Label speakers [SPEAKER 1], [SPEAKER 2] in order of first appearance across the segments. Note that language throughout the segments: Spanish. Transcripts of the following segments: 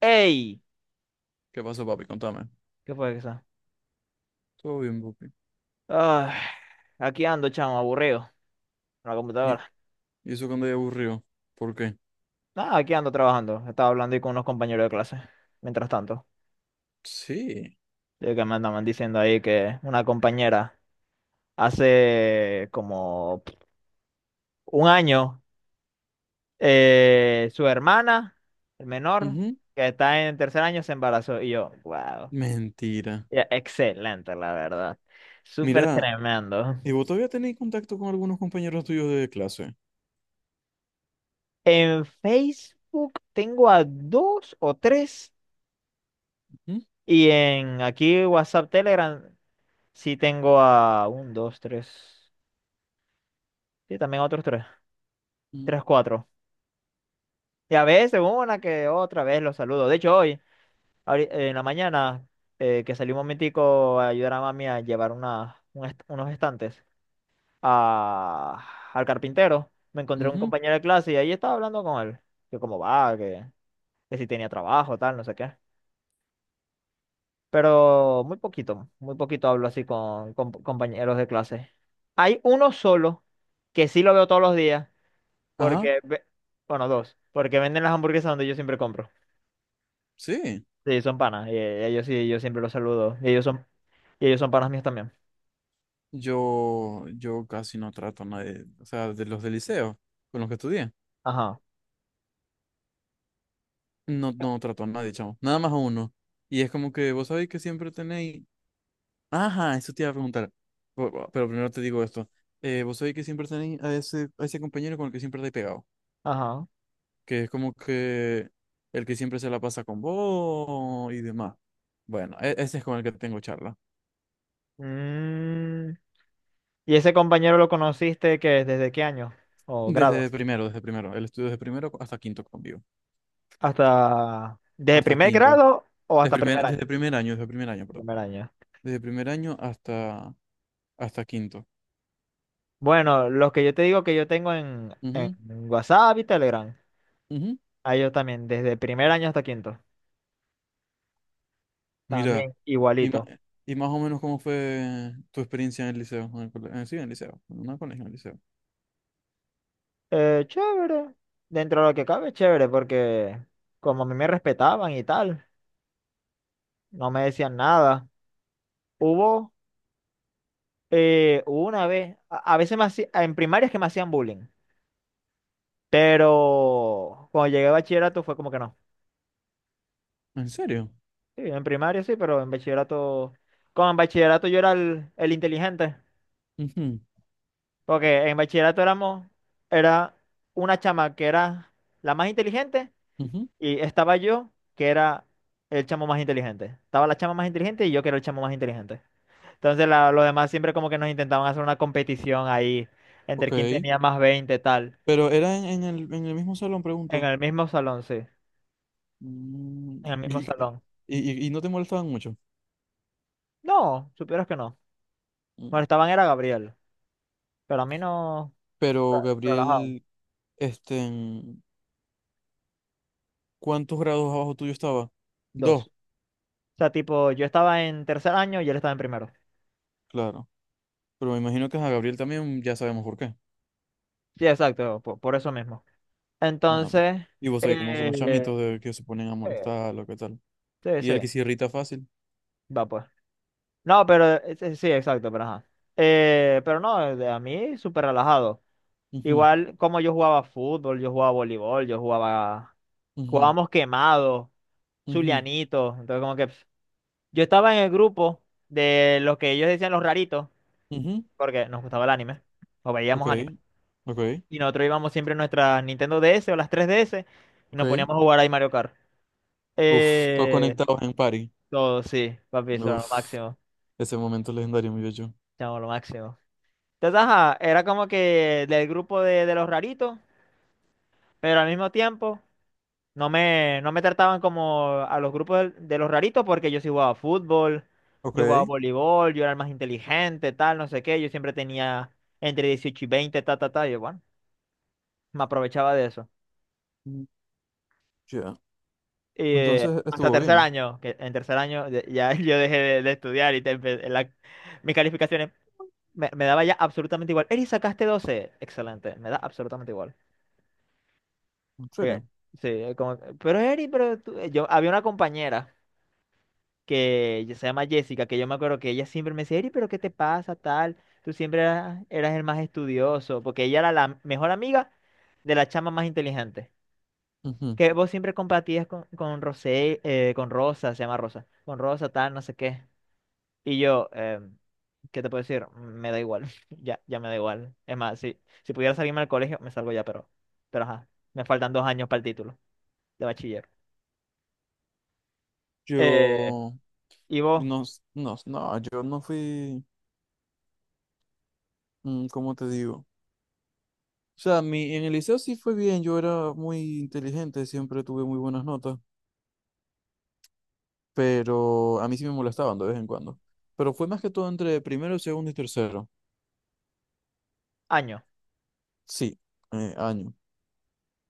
[SPEAKER 1] ¡Ey!
[SPEAKER 2] ¿Qué pasó, papi? Contame.
[SPEAKER 1] ¿Qué fue eso?
[SPEAKER 2] Todo bien, papi.
[SPEAKER 1] Ay, aquí ando, chamo, aburrido. En la
[SPEAKER 2] ¿Y,
[SPEAKER 1] computadora.
[SPEAKER 2] y eso cuando ya aburrió? ¿Por qué?
[SPEAKER 1] Nada, aquí ando trabajando. Estaba hablando ahí con unos compañeros de clase. Mientras tanto,
[SPEAKER 2] Sí.
[SPEAKER 1] de que me andaban diciendo ahí que una compañera hace como un año, su hermana, el menor,
[SPEAKER 2] Ujú.
[SPEAKER 1] que está en tercer año, se embarazó. Y yo, wow.
[SPEAKER 2] Mentira.
[SPEAKER 1] Ya, excelente, la verdad. Súper
[SPEAKER 2] Mira,
[SPEAKER 1] tremendo.
[SPEAKER 2] ¿y vos todavía tenéis contacto con algunos compañeros tuyos de clase?
[SPEAKER 1] En Facebook tengo a dos o tres.
[SPEAKER 2] Ujú,
[SPEAKER 1] Y en aquí WhatsApp, Telegram, sí tengo a un, dos, tres. Sí, también otros tres.
[SPEAKER 2] ujú,
[SPEAKER 1] Tres, cuatro. Y a veces una que otra vez los saludo. De hecho, hoy, en la mañana, que salí un momentico a ayudar a mami a llevar unos estantes a- al carpintero, me encontré un
[SPEAKER 2] ujú.
[SPEAKER 1] compañero de clase y ahí estaba hablando con él. Que cómo va, que si tenía trabajo, tal, no sé qué. Pero muy poquito hablo así con compañeros de clase. Hay uno solo que sí lo veo todos los días,
[SPEAKER 2] Ajá,
[SPEAKER 1] porque, ve- bueno, dos, porque venden las hamburguesas donde yo siempre compro.
[SPEAKER 2] sí.
[SPEAKER 1] Sí, son panas, y ellos sí, yo siempre los saludo, y ellos son panas míos también.
[SPEAKER 2] Yo casi no trato a nadie, o sea, de los del liceo, con los que estudié.
[SPEAKER 1] Ajá,
[SPEAKER 2] No, no trato a nadie, chamo. Nada más a uno. Y es como que vos sabéis que siempre tenéis. Ajá, eso te iba a preguntar. Pero primero te digo esto. Vos sabés que siempre tenéis a ese compañero con el que siempre estáis pegado.
[SPEAKER 1] ajá.
[SPEAKER 2] Que es como que el que siempre se la pasa con vos y demás. Bueno, ese es con el que tengo charla.
[SPEAKER 1] Mm, ¿Y ese compañero lo conociste que desde qué año o grado?
[SPEAKER 2] Desde primero, desde primero. El estudio desde primero hasta quinto conmigo.
[SPEAKER 1] Hasta, ¿desde
[SPEAKER 2] Hasta
[SPEAKER 1] primer
[SPEAKER 2] quinto.
[SPEAKER 1] grado o hasta primer año?
[SPEAKER 2] Desde primer año, perdón.
[SPEAKER 1] Primer año.
[SPEAKER 2] Desde primer año hasta, hasta quinto.
[SPEAKER 1] Bueno, los que yo te digo que yo tengo en
[SPEAKER 2] Ujú,
[SPEAKER 1] WhatsApp y Telegram,
[SPEAKER 2] ujú.
[SPEAKER 1] a ellos también, desde primer año hasta quinto,
[SPEAKER 2] Mira,
[SPEAKER 1] también
[SPEAKER 2] y, ma-
[SPEAKER 1] igualito.
[SPEAKER 2] y más o menos cómo fue tu experiencia en el liceo, en el colegio, sí, en el liceo, no en un colegio, en el liceo.
[SPEAKER 1] Chévere, dentro de lo que cabe, chévere, porque como a mí me respetaban y tal, no me decían nada. Hubo hubo una vez, a veces en primarias que me hacían bullying, pero cuando llegué a bachillerato fue como que no.
[SPEAKER 2] ¿En serio?
[SPEAKER 1] Sí, en primaria sí, pero en bachillerato, como en bachillerato yo era el inteligente.
[SPEAKER 2] Ujú,
[SPEAKER 1] Porque en bachillerato era una chama que era la más inteligente
[SPEAKER 2] ujú.
[SPEAKER 1] y estaba yo, que era el chamo más inteligente. Estaba la chama más inteligente y yo que era el chamo más inteligente. Entonces los demás siempre como que nos intentaban hacer una competición ahí
[SPEAKER 2] Ok,
[SPEAKER 1] entre quién tenía más 20 tal.
[SPEAKER 2] pero era en el mismo salón,
[SPEAKER 1] En
[SPEAKER 2] pregunto.
[SPEAKER 1] el mismo salón, sí.
[SPEAKER 2] Mm.
[SPEAKER 1] En el mismo salón.
[SPEAKER 2] Y no te molestaban mucho.
[SPEAKER 1] No, supieras que no.
[SPEAKER 2] Mm.
[SPEAKER 1] Molestaban era a Gabriel, pero a mí no.
[SPEAKER 2] Pero
[SPEAKER 1] Relajado.
[SPEAKER 2] Gabriel, este, en- ¿cuántos grados abajo tuyo estaba? Dos,
[SPEAKER 1] Dos. O sea, tipo, yo estaba en tercer año y él estaba en primero.
[SPEAKER 2] claro. Pero me imagino que a Gabriel también ya sabemos por qué.
[SPEAKER 1] Sí, exacto, por eso mismo.
[SPEAKER 2] Ah,
[SPEAKER 1] Entonces,
[SPEAKER 2] y vos sabés cómo son los chamitos
[SPEAKER 1] eh,
[SPEAKER 2] de que se ponen a
[SPEAKER 1] eh,
[SPEAKER 2] molestar, lo que tal.
[SPEAKER 1] sí,
[SPEAKER 2] Y el que
[SPEAKER 1] sí,
[SPEAKER 2] se irrita fácil.
[SPEAKER 1] va pues. No, pero sí, sí, exacto, pero ajá. Pero no, a mí súper relajado. Igual como yo jugaba fútbol, yo jugaba voleibol, yo jugaba,
[SPEAKER 2] Ujú,
[SPEAKER 1] jugábamos quemado,
[SPEAKER 2] ujú,
[SPEAKER 1] zulianito, entonces como que pf, yo estaba en el grupo de los que ellos decían los raritos,
[SPEAKER 2] ujú.
[SPEAKER 1] porque nos gustaba el anime, o
[SPEAKER 2] Ok,
[SPEAKER 1] veíamos anime.
[SPEAKER 2] ok,
[SPEAKER 1] Y nosotros íbamos siempre en nuestra Nintendo DS o las 3DS y
[SPEAKER 2] ok.
[SPEAKER 1] nos poníamos a jugar ahí Mario Kart.
[SPEAKER 2] Uf, todos
[SPEAKER 1] Eh,
[SPEAKER 2] conectados en party.
[SPEAKER 1] Todo, sí, papi, eso era lo
[SPEAKER 2] Uf,
[SPEAKER 1] máximo.
[SPEAKER 2] ese momento legendario, mi bello.
[SPEAKER 1] Chamo, lo máximo. Entonces, ajá, era como que del grupo de los raritos, pero al mismo tiempo no me trataban como a los grupos de los raritos porque yo sí jugaba fútbol,
[SPEAKER 2] Ok,
[SPEAKER 1] yo jugaba voleibol, yo era el más inteligente, tal, no sé qué. Yo siempre tenía entre 18 y 20 ta, ta, ta. Y bueno, me aprovechaba de eso.
[SPEAKER 2] mm, ya.
[SPEAKER 1] Y
[SPEAKER 2] Entonces
[SPEAKER 1] hasta
[SPEAKER 2] estuvo
[SPEAKER 1] tercer
[SPEAKER 2] bien,
[SPEAKER 1] año, que en tercer año ya yo dejé de estudiar y mis calificaciones. Me daba ya absolutamente igual. Eri, sacaste 12, excelente. Me da absolutamente igual.
[SPEAKER 2] en
[SPEAKER 1] Eh,
[SPEAKER 2] serio.
[SPEAKER 1] Sí, como, pero Eri, pero tú-". Había una compañera que se llama Jessica, que yo me acuerdo que ella siempre me decía, Eri, pero ¿qué te pasa, tal? Tú siempre eras el más estudioso, porque ella era la mejor amiga de la chama más inteligente.
[SPEAKER 2] Ujú.
[SPEAKER 1] Que vos siempre compartías con Rosé, con Rosa, se llama Rosa, con Rosa, tal, no sé qué. Y yo, ¿qué te puedo decir? Me da igual, ya, ya me da igual. Es más, si pudiera salirme al colegio, me salgo ya, pero, ajá, me faltan 2 años para el título de bachiller. Eh,
[SPEAKER 2] Yo
[SPEAKER 1] ¿Y vos?
[SPEAKER 2] no, no, no, yo no fui, mm, ¿cómo te digo? O sea, en el liceo sí fue bien, yo era muy inteligente, siempre tuve muy buenas notas, pero a mí sí me molestaban de vez en cuando. Pero fue más que todo entre primero, segundo y tercero.
[SPEAKER 1] Año.
[SPEAKER 2] Sí, año.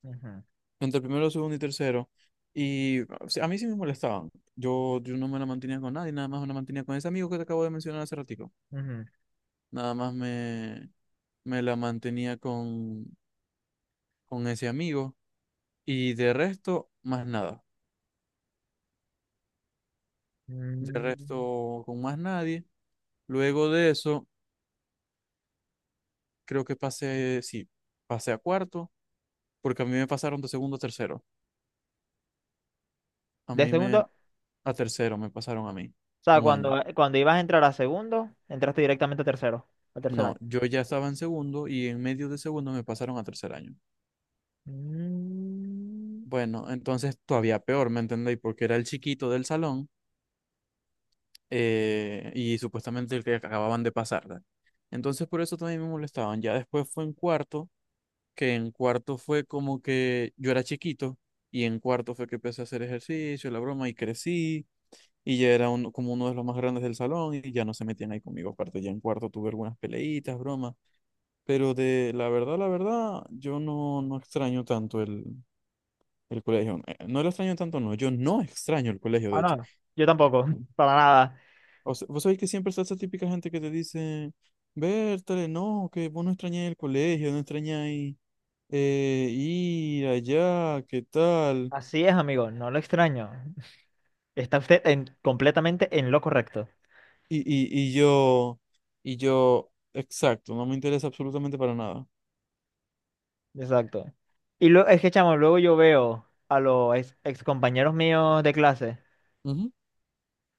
[SPEAKER 1] Ujú,
[SPEAKER 2] Entre el primero, segundo y tercero. Y o sea, a mí sí me molestaban. Yo no me la mantenía con nadie, nada más me la mantenía con ese amigo que te acabo de mencionar hace ratico.
[SPEAKER 1] ujú.
[SPEAKER 2] Nada más me, me la mantenía con ese amigo. Y de resto, más nada. De
[SPEAKER 1] Mm,
[SPEAKER 2] resto, con más nadie. Luego de eso, creo que pasé, sí, pasé a cuarto, porque a mí me pasaron de segundo a tercero. A
[SPEAKER 1] De
[SPEAKER 2] mí
[SPEAKER 1] segundo,
[SPEAKER 2] me,
[SPEAKER 1] o
[SPEAKER 2] a tercero me pasaron a mí,
[SPEAKER 1] sea,
[SPEAKER 2] un año.
[SPEAKER 1] cuando ibas a entrar a segundo, entraste directamente a tercero, al tercer
[SPEAKER 2] No,
[SPEAKER 1] año.
[SPEAKER 2] yo ya estaba en segundo y en medio de segundo me pasaron a tercer año.
[SPEAKER 1] Mm,
[SPEAKER 2] Bueno, entonces todavía peor, ¿me entendéis? Porque era el chiquito del salón, y supuestamente el que acababan de pasar, ¿verdad? Entonces por eso también me molestaban. Ya después fue en cuarto, que en cuarto fue como que yo era chiquito y en cuarto fue que empecé a hacer ejercicio, la broma, y crecí y ya era como uno de los más grandes del salón y ya no se metían ahí conmigo. Aparte, ya en cuarto tuve algunas peleitas, bromas, pero de la verdad, yo no, no extraño tanto el colegio. No lo extraño tanto, no. Yo no extraño el colegio, de
[SPEAKER 1] Ah, no,
[SPEAKER 2] hecho.
[SPEAKER 1] no, yo tampoco, para nada.
[SPEAKER 2] O sea, vos sabés que siempre está esa típica gente que te dice, Bertale, no, que vos no extrañáis el colegio, no extrañáis, ir allá, qué tal.
[SPEAKER 1] Así es, amigo, no lo extraño. Está usted completamente en lo correcto.
[SPEAKER 2] Y, y, y yo, y yo, exacto, no me interesa absolutamente para nada.
[SPEAKER 1] Exacto. Y luego, es que, chamo, luego yo veo a los ex compañeros míos de clase
[SPEAKER 2] Ujú.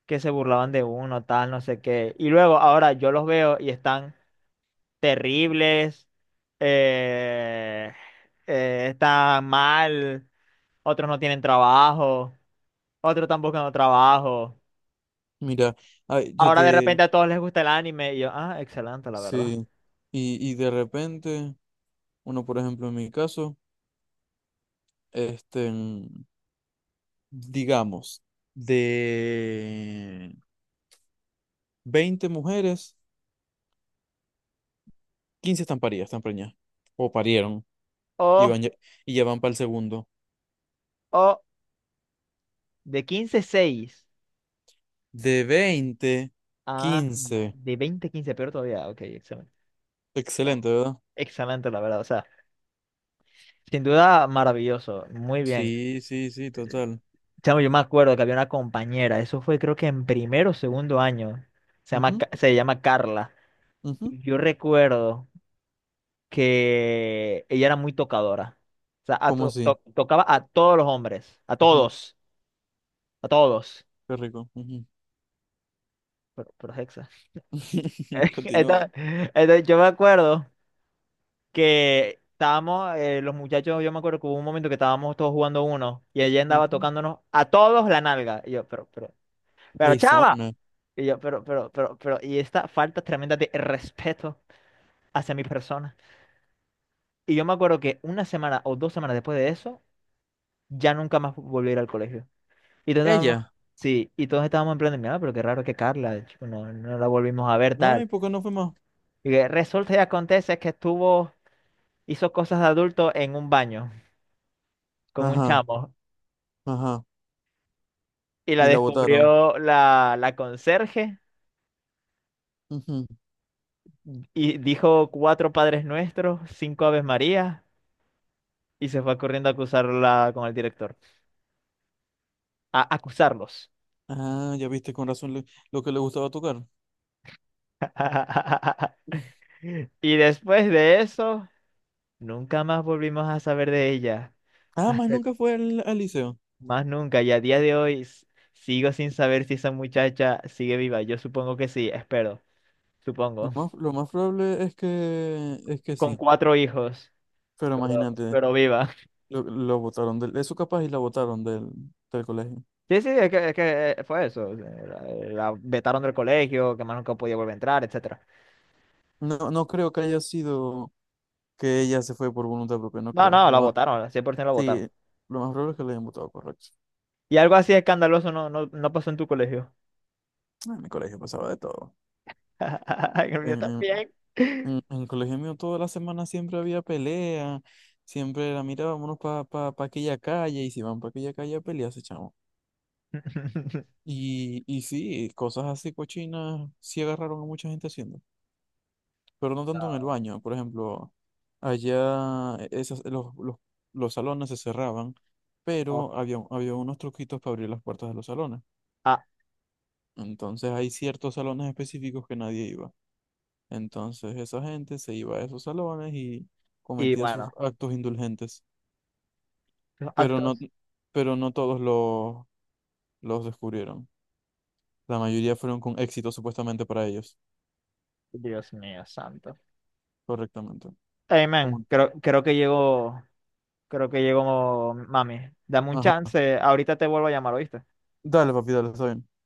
[SPEAKER 1] que se burlaban de uno, tal, no sé qué. Y luego, ahora yo los veo y están terribles, eh, están mal, otros no tienen trabajo, otros están buscando trabajo.
[SPEAKER 2] Mira, ay, yo
[SPEAKER 1] Ahora de
[SPEAKER 2] te,
[SPEAKER 1] repente a todos les gusta el anime y yo, ah, excelente, la verdad.
[SPEAKER 2] sí. Y de repente, uno, por ejemplo, en mi caso, este, mm, digamos, de 20 mujeres, 15 están paridas, están preñadas. O parieron y,
[SPEAKER 1] Oh,
[SPEAKER 2] van ya, y ya van para el segundo.
[SPEAKER 1] oh, de 15 seis.
[SPEAKER 2] De veinte
[SPEAKER 1] Ah,
[SPEAKER 2] quince
[SPEAKER 1] de veinte 15 peor todavía. Ok, excelente. No,
[SPEAKER 2] Excelente, ¿verdad?
[SPEAKER 1] excelente, la verdad. O sea, sin duda maravilloso. Muy bien.
[SPEAKER 2] Sí, sí, sí, total.
[SPEAKER 1] Chamo, yo me acuerdo que había una compañera, eso fue creo que en primero o segundo año, se llama,
[SPEAKER 2] Ujú,
[SPEAKER 1] Ca- se llama Carla.
[SPEAKER 2] ujú.
[SPEAKER 1] Y yo recuerdo que ella era muy tocadora. O sea,
[SPEAKER 2] ¿Cómo así?
[SPEAKER 1] tocaba a todos los hombres, a
[SPEAKER 2] Ujú,
[SPEAKER 1] todos, a todos.
[SPEAKER 2] qué rico. Ujú.
[SPEAKER 1] Pero es hexa.
[SPEAKER 2] Continúa.
[SPEAKER 1] Entonces, entonces yo me acuerdo. Que estábamos, los muchachos, yo me acuerdo que hubo un momento que estábamos todos jugando uno y ella andaba
[SPEAKER 2] Ujú.
[SPEAKER 1] tocándonos a todos la nalga. Y yo, pero chava.
[SPEAKER 2] Arizona.
[SPEAKER 1] Y yo, pero, y esta falta tremenda de respeto hacia mi persona. Y yo me acuerdo que una semana o 2 semanas después de eso, ya nunca más volví a ir al colegio. Y todos estábamos,
[SPEAKER 2] Ella.
[SPEAKER 1] sí, y todos estábamos en plan de, mira, pero qué raro que Carla, chico, no, no la volvimos a ver tal.
[SPEAKER 2] Ay, ¿por qué no fue más?
[SPEAKER 1] Y que resulta y acontece que hizo cosas de adulto en un baño con un
[SPEAKER 2] Ajá,
[SPEAKER 1] chamo.
[SPEAKER 2] ajá.
[SPEAKER 1] Y la
[SPEAKER 2] Y la votaron.
[SPEAKER 1] descubrió la conserje
[SPEAKER 2] Ujú.
[SPEAKER 1] y dijo cuatro Padres Nuestros, cinco Aves Marías y se fue corriendo a acusarla con el director. A acusarlos.
[SPEAKER 2] Ah, ya viste con razón lo que le gustaba tocar.
[SPEAKER 1] Y después de eso, nunca más volvimos a saber de ella.
[SPEAKER 2] Ah, más
[SPEAKER 1] Hasta-
[SPEAKER 2] nunca fue al, al liceo.
[SPEAKER 1] Más nunca. Y a día de hoy sigo sin saber si esa muchacha sigue viva. Yo supongo que sí, espero. Supongo.
[SPEAKER 2] Lo más probable es que
[SPEAKER 1] Con
[SPEAKER 2] sí,
[SPEAKER 1] cuatro hijos,
[SPEAKER 2] pero
[SPEAKER 1] pero,
[SPEAKER 2] imagínate,
[SPEAKER 1] pero viva.
[SPEAKER 2] lo botaron del, eso capaz y la botaron del, del colegio.
[SPEAKER 1] Sí, sí, es que fue eso. La vetaron del colegio, que más nunca podía volver a entrar, etcétera.
[SPEAKER 2] No, no creo que haya sido que ella se fue por voluntad propia, no
[SPEAKER 1] No,
[SPEAKER 2] creo.
[SPEAKER 1] no,
[SPEAKER 2] Lo
[SPEAKER 1] la
[SPEAKER 2] más,
[SPEAKER 1] votaron, 100% la votaron.
[SPEAKER 2] sí, lo más probable es que le hayan votado, correcto.
[SPEAKER 1] Y algo así escandaloso no, no, no pasó en tu colegio.
[SPEAKER 2] En mi colegio pasaba de todo.
[SPEAKER 1] En el mío
[SPEAKER 2] En,
[SPEAKER 1] también.
[SPEAKER 2] en, el colegio mío toda la semana siempre había pelea, siempre era, mira, vámonos para pa, pa pa aquella calle, y si van para aquella calle a pelearse, chamo. Y sí, cosas así cochinas sí agarraron a mucha gente haciendo, pero no tanto en el
[SPEAKER 1] No,
[SPEAKER 2] baño. Por ejemplo, allá, los salones se cerraban,
[SPEAKER 1] no.
[SPEAKER 2] pero había unos truquitos para abrir las puertas de los salones.
[SPEAKER 1] Ah,
[SPEAKER 2] Entonces hay ciertos salones específicos que nadie iba. Entonces esa gente se iba a esos salones y
[SPEAKER 1] y
[SPEAKER 2] cometía sus
[SPEAKER 1] bueno,
[SPEAKER 2] actos indulgentes.
[SPEAKER 1] los
[SPEAKER 2] Pero no,
[SPEAKER 1] actos.
[SPEAKER 2] pero no todos los descubrieron. La mayoría fueron con éxito supuestamente para ellos,
[SPEAKER 1] Dios mío, santo.
[SPEAKER 2] correctamente.
[SPEAKER 1] Hey, man,
[SPEAKER 2] Como,
[SPEAKER 1] creo que llegó mami. Dame un
[SPEAKER 2] ajá.
[SPEAKER 1] chance, ahorita te vuelvo a llamar, ¿oíste?
[SPEAKER 2] Dale, papi, dale, está bien.